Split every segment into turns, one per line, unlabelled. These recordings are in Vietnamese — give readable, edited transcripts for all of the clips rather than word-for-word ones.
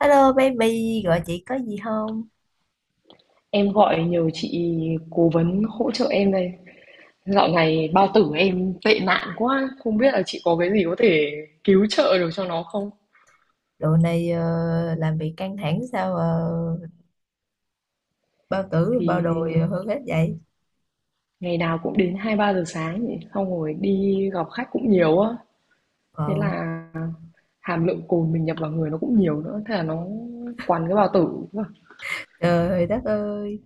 Hello baby, gọi chị có gì không?
Em gọi nhờ chị cố vấn hỗ trợ em đây. Dạo này bao tử em tệ nạn quá, không biết là chị có cái gì có thể cứu trợ được cho nó không?
Đồ này làm việc căng thẳng sao bao tử bao
Thì
đồi hơn hết vậy?
ngày nào cũng đến hai ba giờ sáng nhỉ, xong rồi đi gặp khách cũng nhiều á. Thế
Ờ,
là hàm lượng cồn mình nhập vào người nó cũng nhiều nữa, thế là nó quằn cái bao tử.
trời đất ơi,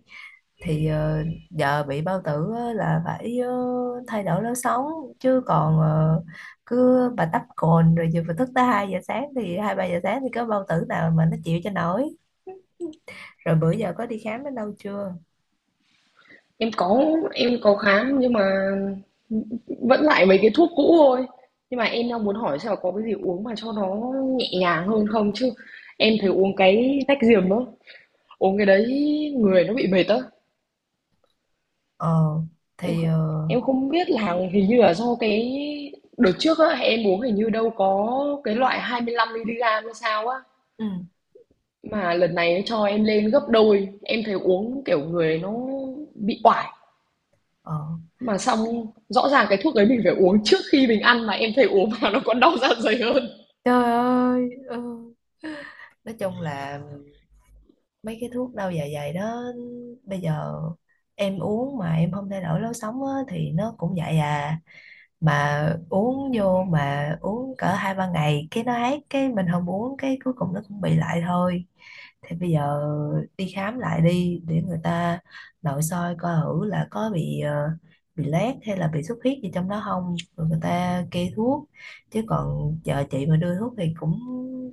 thì giờ bị bao tử á là phải thay đổi lối sống chứ còn cứ bà tắp cồn rồi giờ phải thức tới 2 giờ sáng thì 2 3 giờ sáng thì có bao tử nào mà nó chịu cho nổi. Rồi bữa giờ có đi khám đến đâu chưa?
Em có em có khám nhưng mà vẫn lại mấy cái thuốc cũ thôi. Nhưng mà em đang muốn hỏi xem là có cái gì uống mà cho nó nhẹ nhàng hơn không chứ em thấy uống cái tách diềm á, uống cái đấy người nó bị mệt á.
Ờ
Em
thì
không-
ờ,
em không biết là hình như là do cái đợt trước á em uống hình như đâu có cái loại 25 mg hay sao á,
ừ,
mà lần này nó cho em lên gấp đôi, em thấy uống kiểu người nó bị oải.
ờ.
Mà xong, rõ ràng cái thuốc đấy mình phải uống trước khi mình ăn mà em thấy uống vào nó còn đau dạ dày hơn.
Trời ơi, ừ. Nói chung là mấy cái thuốc đau dạ dày đó bây giờ em uống mà em không thay đổi lối sống á, thì nó cũng vậy à, mà uống vô mà uống cỡ hai ba ngày cái nó hết, cái mình không uống cái cuối cùng nó cũng bị lại thôi. Thì bây giờ đi khám lại đi, để người ta nội soi coi thử là có bị bị loét hay là bị xuất huyết gì trong đó không, rồi người ta kê thuốc, chứ còn chờ chị mà đưa thuốc thì cũng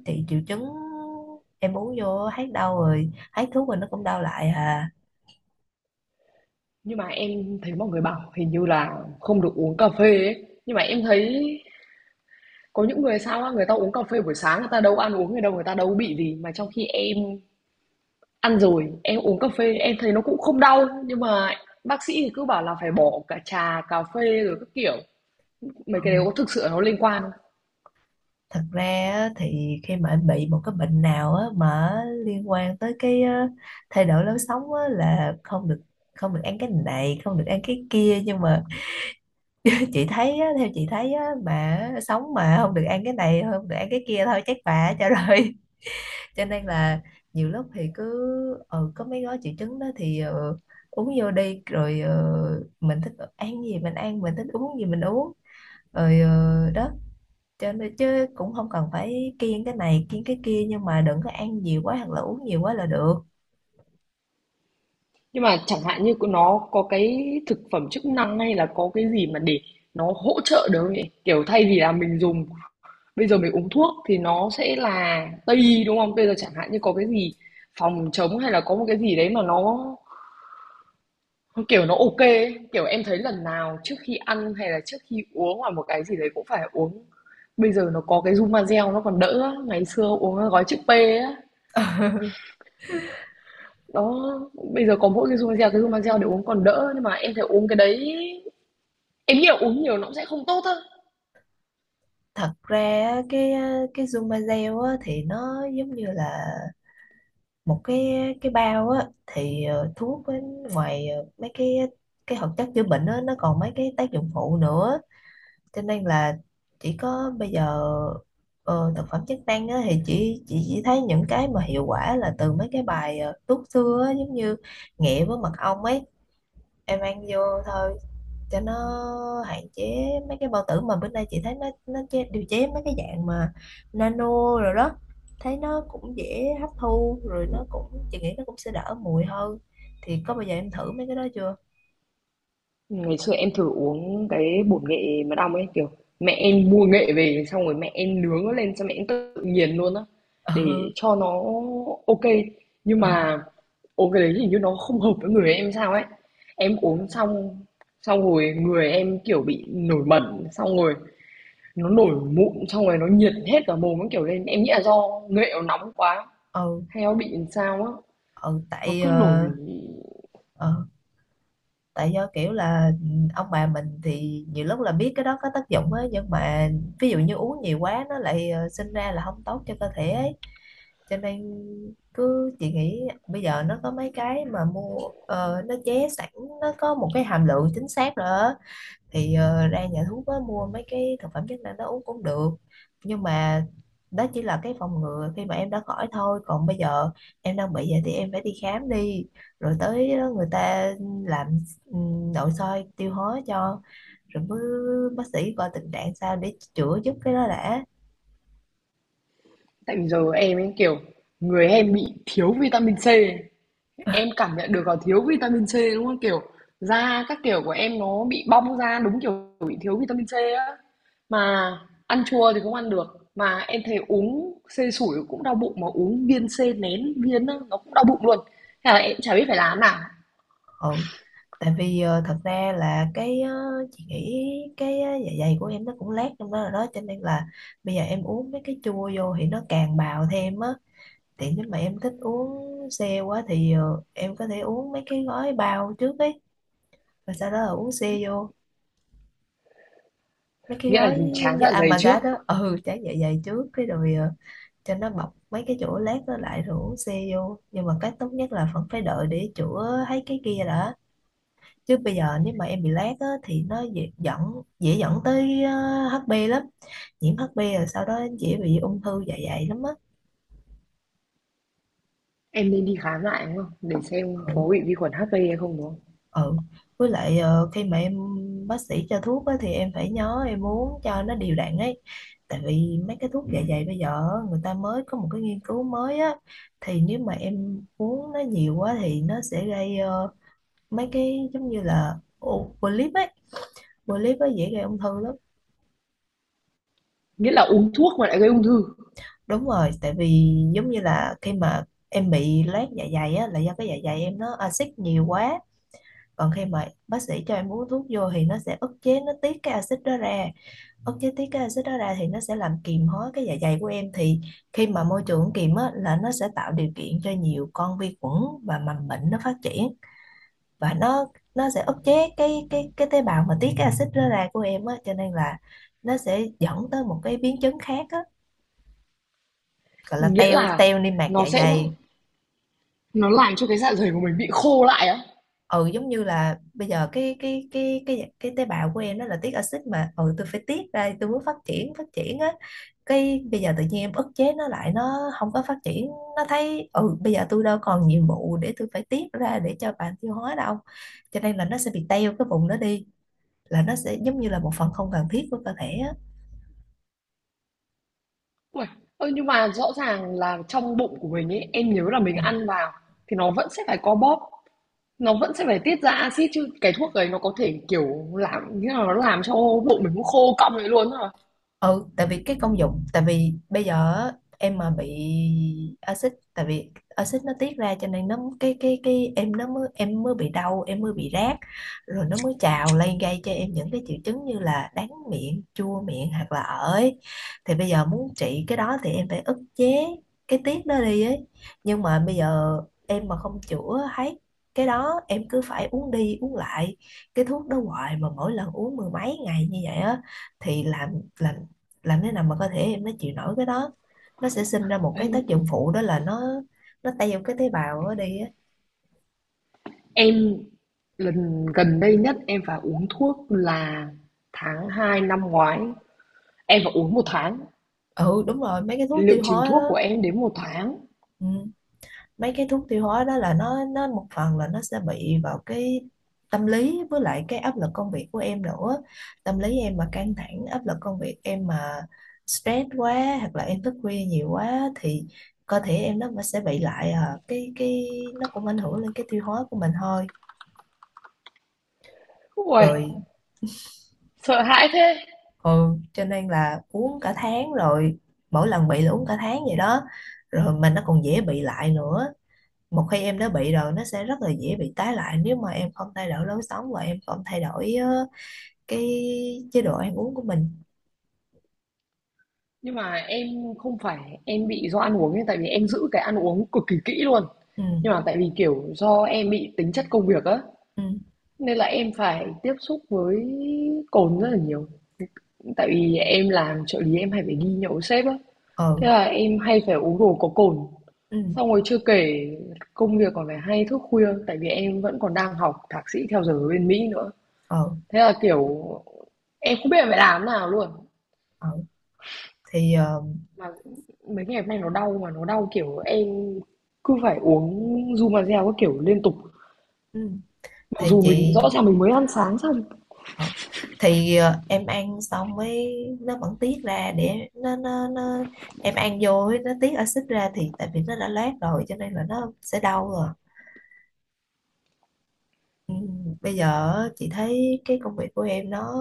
chị triệu chứng, em uống vô hết đau rồi, hết thuốc rồi nó cũng đau lại à.
Nhưng mà em thấy mọi người bảo hình như là không được uống cà phê ấy. Nhưng mà em thấy có những người sao á, người ta uống cà phê buổi sáng người ta đâu ăn uống người đâu, người ta đâu bị gì mà trong khi em ăn rồi, em uống cà phê em thấy nó cũng không đau, nhưng mà bác sĩ thì cứ bảo là phải bỏ cả trà, cà phê rồi các kiểu. Mấy
Ừ,
cái đấy có thực sự nó liên quan không?
thật ra á, thì khi mà em bị một cái bệnh nào á, mà liên quan tới cái thay đổi lối sống á, là không được không được ăn cái này không được ăn cái kia, nhưng mà chị thấy á, theo chị thấy á, mà sống mà không được ăn cái này không được ăn cái kia thôi chắc bà cho rồi. Cho nên là nhiều lúc thì cứ ừ, có mấy gói triệu chứng đó thì uống vô đi, rồi mình thích ăn gì mình ăn, mình thích uống gì mình uống, rồi đó, cho nên chứ cũng không cần phải kiêng cái này kiêng cái kia, nhưng mà đừng có ăn nhiều quá hoặc là uống nhiều quá là được.
Nhưng mà chẳng hạn như nó có cái thực phẩm chức năng hay là có cái gì mà để nó hỗ trợ được không nhỉ? Kiểu thay vì là mình dùng bây giờ mình uống thuốc thì nó sẽ là Tây y, đúng không? Bây giờ chẳng hạn như có cái gì phòng chống hay là có một cái gì đấy mà nó kiểu nó ok ấy. Kiểu em thấy lần nào trước khi ăn hay là trước khi uống hoặc một cái gì đấy cũng phải uống, bây giờ nó có cái Zumazel nó còn đỡ á. Ngày xưa uống cái gói chữ P á, đó, bây giờ có mỗi cái Zumazel để uống còn đỡ, nhưng mà em thấy uống cái đấy, em nghĩ là uống nhiều nó cũng sẽ không tốt thôi.
Thật ra á, cái Zumazel á, thì nó giống như là một cái bao á, thì thuốc với ngoài mấy cái hoạt chất chữa bệnh á, nó còn mấy cái tác dụng phụ nữa, cho nên là chỉ có bây giờ ờ, thực phẩm chức năng á, thì chỉ thấy những cái mà hiệu quả là từ mấy cái bài thuốc xưa á, giống như nghệ với mật ong ấy, em ăn vô thôi cho nó hạn chế mấy cái bao tử. Mà bữa nay chị thấy nó chế, điều chế mấy cái dạng mà nano rồi đó, thấy nó cũng dễ hấp thu, rồi nó cũng, chị nghĩ nó cũng sẽ đỡ mùi hơn. Thì có bao giờ em thử mấy cái đó chưa?
Ngày xưa em thử uống cái bột nghệ mật ong ấy, kiểu mẹ em mua nghệ về xong rồi mẹ em nướng nó lên xong mẹ em tự nghiền luôn á, để
ừ
cho nó ok. Nhưng
ừ
mà uống cái đấy hình như nó không hợp với người em sao ấy. Em uống xong xong rồi người em kiểu bị nổi mẩn, xong rồi nó nổi mụn, xong rồi nó nhiệt hết cả mồm nó kiểu lên, em nghĩ là do nghệ nó nóng quá
ừ,
hay nó bị làm sao á,
ừ,
nó
tại
cứ nổi.
ờ, tại do kiểu là ừ, ông bà mình thì nhiều lúc là biết cái đó có tác dụng á, nhưng mà ví dụ như uống nhiều quá nó lại sinh ra là không tốt cho cơ thể ấy, cho nên cứ chị nghĩ bây giờ nó có mấy cái mà mua nó chế sẵn, nó có một cái hàm lượng chính xác rồi á, thì ra nhà thuốc á, mua mấy cái thực phẩm chức năng đó uống cũng được. Nhưng mà đó chỉ là cái phòng ngừa khi mà em đã khỏi thôi, còn bây giờ em đang bị vậy thì em phải đi khám đi, rồi tới đó người ta làm nội soi tiêu hóa cho, rồi mới bác sĩ coi tình trạng sao để chữa giúp cái đó đã.
Tại vì giờ em ấy, kiểu, người em bị thiếu vitamin C. Em cảm nhận được là thiếu vitamin C đúng không? Kiểu da các kiểu của em nó bị bong ra đúng kiểu bị thiếu vitamin C á. Mà ăn chua thì không ăn được. Mà em thấy uống C sủi cũng đau bụng, mà uống viên C nén viên á, nó cũng đau bụng luôn. Thế là em chả biết phải làm nào.
Ừ. Tại vì thật ra là cái chị nghĩ cái dạ dày của em nó cũng lát trong đó rồi đó, cho nên là bây giờ em uống mấy cái chua vô thì nó càng bào thêm á. Thì nếu mà em thích uống xe quá thì em có thể uống mấy cái gói bao trước ấy, và sau đó là uống xe vô, mấy cái
Nghĩa là
gói
mình
giống
tráng
như
dạ dày trước.
Amagat đó, ừ, tráng dạ dày trước cái rồi cho nó bọc mấy cái chỗ lát đó lại, rồi uống xe vô. Nhưng mà cách tốt nhất là vẫn phải đợi để chữa thấy cái kia đã, chứ bây giờ nếu mà em bị lát á, thì nó dễ dẫn tới HB lắm, nhiễm HB rồi sau đó dễ bị ung thư dạ dày lắm á.
Em nên đi khám lại đúng không? Để xem
Ừ.
có bị vi khuẩn HP hay không đúng không?
Ừ, với lại khi mà em bác sĩ cho thuốc á, thì em phải nhớ em uống cho nó đều đặn ấy, tại vì mấy cái thuốc, ừ, dạ dày bây giờ á, người ta mới có một cái nghiên cứu mới á, thì nếu mà em uống nó nhiều quá thì nó sẽ gây mấy cái giống như là polyp ấy, polyp ấy dễ gây ung thư lắm.
Nghĩa là uống thuốc mà lại gây ung thư.
Đúng rồi, tại vì giống như là khi mà em bị loét dạ dày á là do cái dạ dày em nó axit nhiều quá, còn khi mà bác sĩ cho em uống thuốc vô thì nó sẽ ức chế nó tiết cái axit đó ra. Ok, tí cái axit đó ra thì nó sẽ làm kiềm hóa cái dạ dày của em, thì khi mà môi trường kiềm á là nó sẽ tạo điều kiện cho nhiều con vi khuẩn và mầm bệnh nó phát triển, và nó sẽ ức chế cái tế bào mà tiết cái axit đó ra của em á, cho nên là nó sẽ dẫn tới một cái biến chứng khác á, gọi là
Nghĩa
teo
là
teo niêm mạc
nó
dạ
sẽ,
dày.
nó làm cho cái dạ dày của mình bị khô lại á?
Ừ, giống như là bây giờ cái tế bào của em nó là tiết axit, mà ừ, tôi phải tiết ra, tôi muốn phát triển á, cái bây giờ tự nhiên em ức chế nó lại, nó không có phát triển, nó thấy ừ bây giờ tôi đâu còn nhiệm vụ để tôi phải tiết ra để cho bạn tiêu hóa đâu, cho nên là nó sẽ bị teo cái vùng đó đi, là nó sẽ giống như là một phần không cần thiết của cơ thể á.
Uầy, ơ, nhưng mà rõ ràng là trong bụng của mình ấy, em nhớ là mình
Ừ.
ăn vào thì nó vẫn sẽ phải co bóp, nó vẫn sẽ phải tiết ra axit chứ. Cái thuốc đấy nó có thể, kiểu, làm như là nó làm cho bụng mình nó khô cong lại luôn á hả?
Ừ, tại vì cái công dụng, tại vì bây giờ em mà bị axit, tại vì axit nó tiết ra cho nên nó cái em nó mới, em mới bị đau, em mới bị rát, rồi nó mới trào lên gây cho em những cái triệu chứng như là đắng miệng chua miệng hoặc là ởi. Thì bây giờ muốn trị cái đó thì em phải ức chế cái tiết đó đi ấy. Nhưng mà bây giờ em mà không chữa hết cái đó, em cứ phải uống đi uống lại cái thuốc đó hoài, mà mỗi lần uống mười mấy ngày như vậy á, thì làm làm thế nào mà cơ thể em nó chịu nổi cái đó, nó sẽ sinh ra một
Ấy,
cái tác dụng phụ, đó là nó teo cái tế bào đó đi á.
em lần gần đây nhất em phải uống thuốc là tháng 2 năm ngoái, em phải uống một tháng,
Ừ, đúng rồi, mấy cái thuốc
liệu
tiêu
trình
hóa
thuốc
đó.
của em đến một tháng.
Ừ. Mấy cái thuốc tiêu hóa đó là nó một phần là nó sẽ bị vào cái tâm lý với lại cái áp lực công việc của em nữa. Tâm lý em mà căng thẳng, áp lực công việc em mà stress quá, hoặc là em thức khuya nhiều quá, thì cơ thể em nó sẽ bị lại à, cái nó cũng ảnh hưởng lên cái tiêu hóa của mình thôi.
Uầy,
Rồi.
sợ hãi thế!
Ừ, cho nên là uống cả tháng rồi, mỗi lần bị là uống cả tháng vậy đó, rồi mà nó còn dễ bị lại nữa. Một khi em đã bị rồi nó sẽ rất là dễ bị tái lại nếu mà em không thay đổi lối sống và em không thay đổi cái chế độ ăn uống của mình.
Nhưng mà em không phải em bị do ăn uống ấy, tại vì em giữ cái ăn uống cực kỳ kỹ luôn. Nhưng
ừ
mà tại vì kiểu do em bị tính chất công việc á,
ừ
nên là em phải tiếp xúc với cồn rất là nhiều. Tại vì em làm trợ lý em hay phải đi nhậu với sếp á,
ừ
thế là em hay phải uống đồ có cồn.
ừ
Xong rồi chưa kể công việc còn phải hay thức khuya, tại vì em vẫn còn đang học thạc sĩ theo giờ ở bên Mỹ nữa.
ừ,
Thế là kiểu em không biết là phải làm thế nào luôn.
ừ. Thì
Mà mấy ngày hôm nay nó đau mà nó đau kiểu em cứ phải uống Zumazel các kiểu liên tục
ừ.
mặc
thì
dù mình
chị,
rõ ràng mình mới ăn sáng xong.
ờ, thì em ăn xong mới nó vẫn tiết ra để nó em ăn vô ấy, nó tiết axit ra thì tại vì nó đã loét rồi cho nên là nó sẽ đau rồi. Ừ, bây giờ á, chị thấy cái công việc của em nó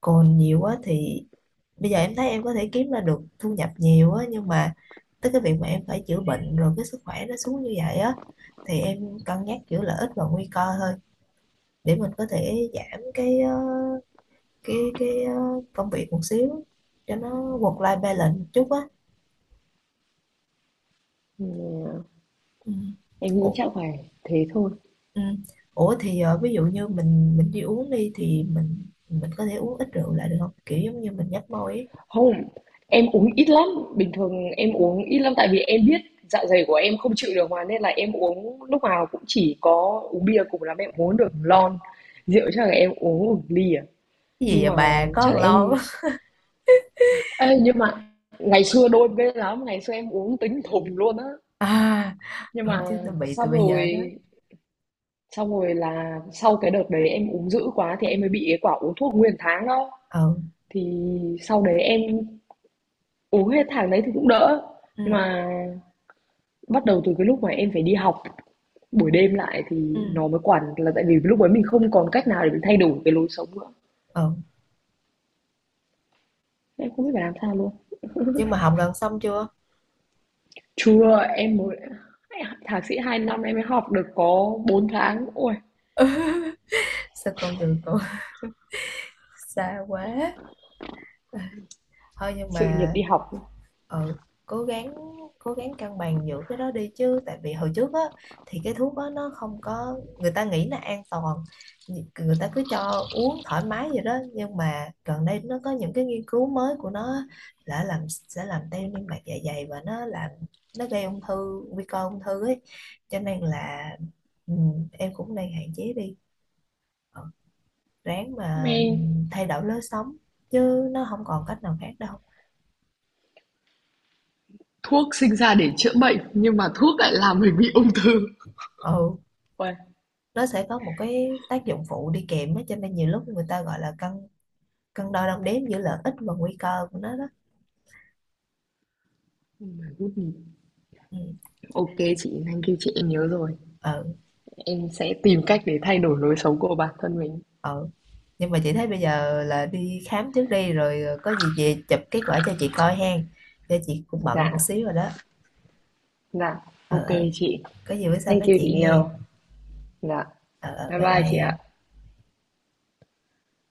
còn nhiều quá, thì bây giờ em thấy em có thể kiếm ra được thu nhập nhiều á, nhưng mà tới cái việc mà em phải chữa bệnh rồi cái sức khỏe nó xuống như vậy á, thì em cân nhắc giữa lợi ích và nguy cơ thôi, để mình có thể giảm cái cái cái ờ, công việc một xíu, cho nó work life balance một chút á.
Ừ,
Ừ.
em nghĩ
Ủa,
chắc phải thế thôi.
ừ. Ủa thì ví dụ như mình đi uống đi thì mình có thể uống ít rượu lại được không, kiểu giống như mình nhấp môi ấy.
Không, em uống ít lắm bình thường em uống ít lắm tại vì em biết dạ dày của em không chịu được mà, nên là em uống lúc nào cũng chỉ có uống bia, cùng lắm em uống được lon, rượu chắc là em uống một ly à.
Cái gì
Nhưng
vậy
mà
bà, có
chắc
thằng
là
lo
em,
quá.
ê, nhưng mà ngày xưa đôi bên lắm ngày xưa em uống tính thùng luôn á.
À,
Nhưng
ừ,
mà
chứ tôi bị từ bây giờ đó.
xong rồi là sau cái đợt đấy em uống dữ quá thì em mới bị cái quả uống thuốc nguyên tháng đó.
ừ
Thì sau đấy em uống hết tháng đấy thì cũng đỡ.
ừ
Nhưng mà bắt đầu từ cái lúc mà em phải đi học buổi đêm lại thì
ừ
nó mới quản là tại vì lúc ấy mình không còn cách nào để mình thay đổi cái lối sống nữa.
ừ
Em không biết phải làm sao luôn.
nhưng mà học gần xong chưa?
Chưa, em mới thạc sĩ 2 năm em mới học được có 4 tháng. Ôi,
Sao con đường còn xa quá. Thôi nhưng
sự nghiệp
mà
đi học.
ừ, cố gắng, cố gắng cân bằng giữa cái đó đi, chứ tại vì hồi trước á thì cái thuốc đó nó không có, người ta nghĩ là an toàn, người ta cứ cho uống thoải mái vậy đó, nhưng mà gần đây nó có những cái nghiên cứu mới của nó á, là làm, sẽ làm teo niêm mạc dạ dày và nó làm, nó gây ung thư, nguy cơ ung thư ấy, cho nên là ừ, em cũng đang hạn chế đi. Ừ, ráng mà
Men.
thay đổi lối sống chứ nó không còn cách nào khác đâu.
Thuốc sinh ra để chữa bệnh, nhưng mà thuốc lại làm mình bị ung thư.
Ừ,
Uầy.
nó sẽ có một cái tác dụng phụ đi kèm á, cho nên nhiều lúc người ta gọi là cân cân đo đong đếm giữa lợi ích và nguy cơ của nó đó. Ừ.
OK chị, thank kêu chị, em nhớ rồi.
Ờ,
Em sẽ tìm cách để thay đổi lối sống của bản thân mình.
ờ, nhưng mà chị thấy bây giờ là đi khám trước đi, rồi có gì về chụp kết quả cho chị coi hen, cho chị cũng
Dạ,
bận một xíu rồi đó.
dạ.
Ờ,
OK
ờ,
chị.
có gì bữa sau
Thank
nói
you
chuyện
chị nhiều.
hen.
Dạ.
Ờ ờ,
Bye
bye bye
bye chị
em.
ạ.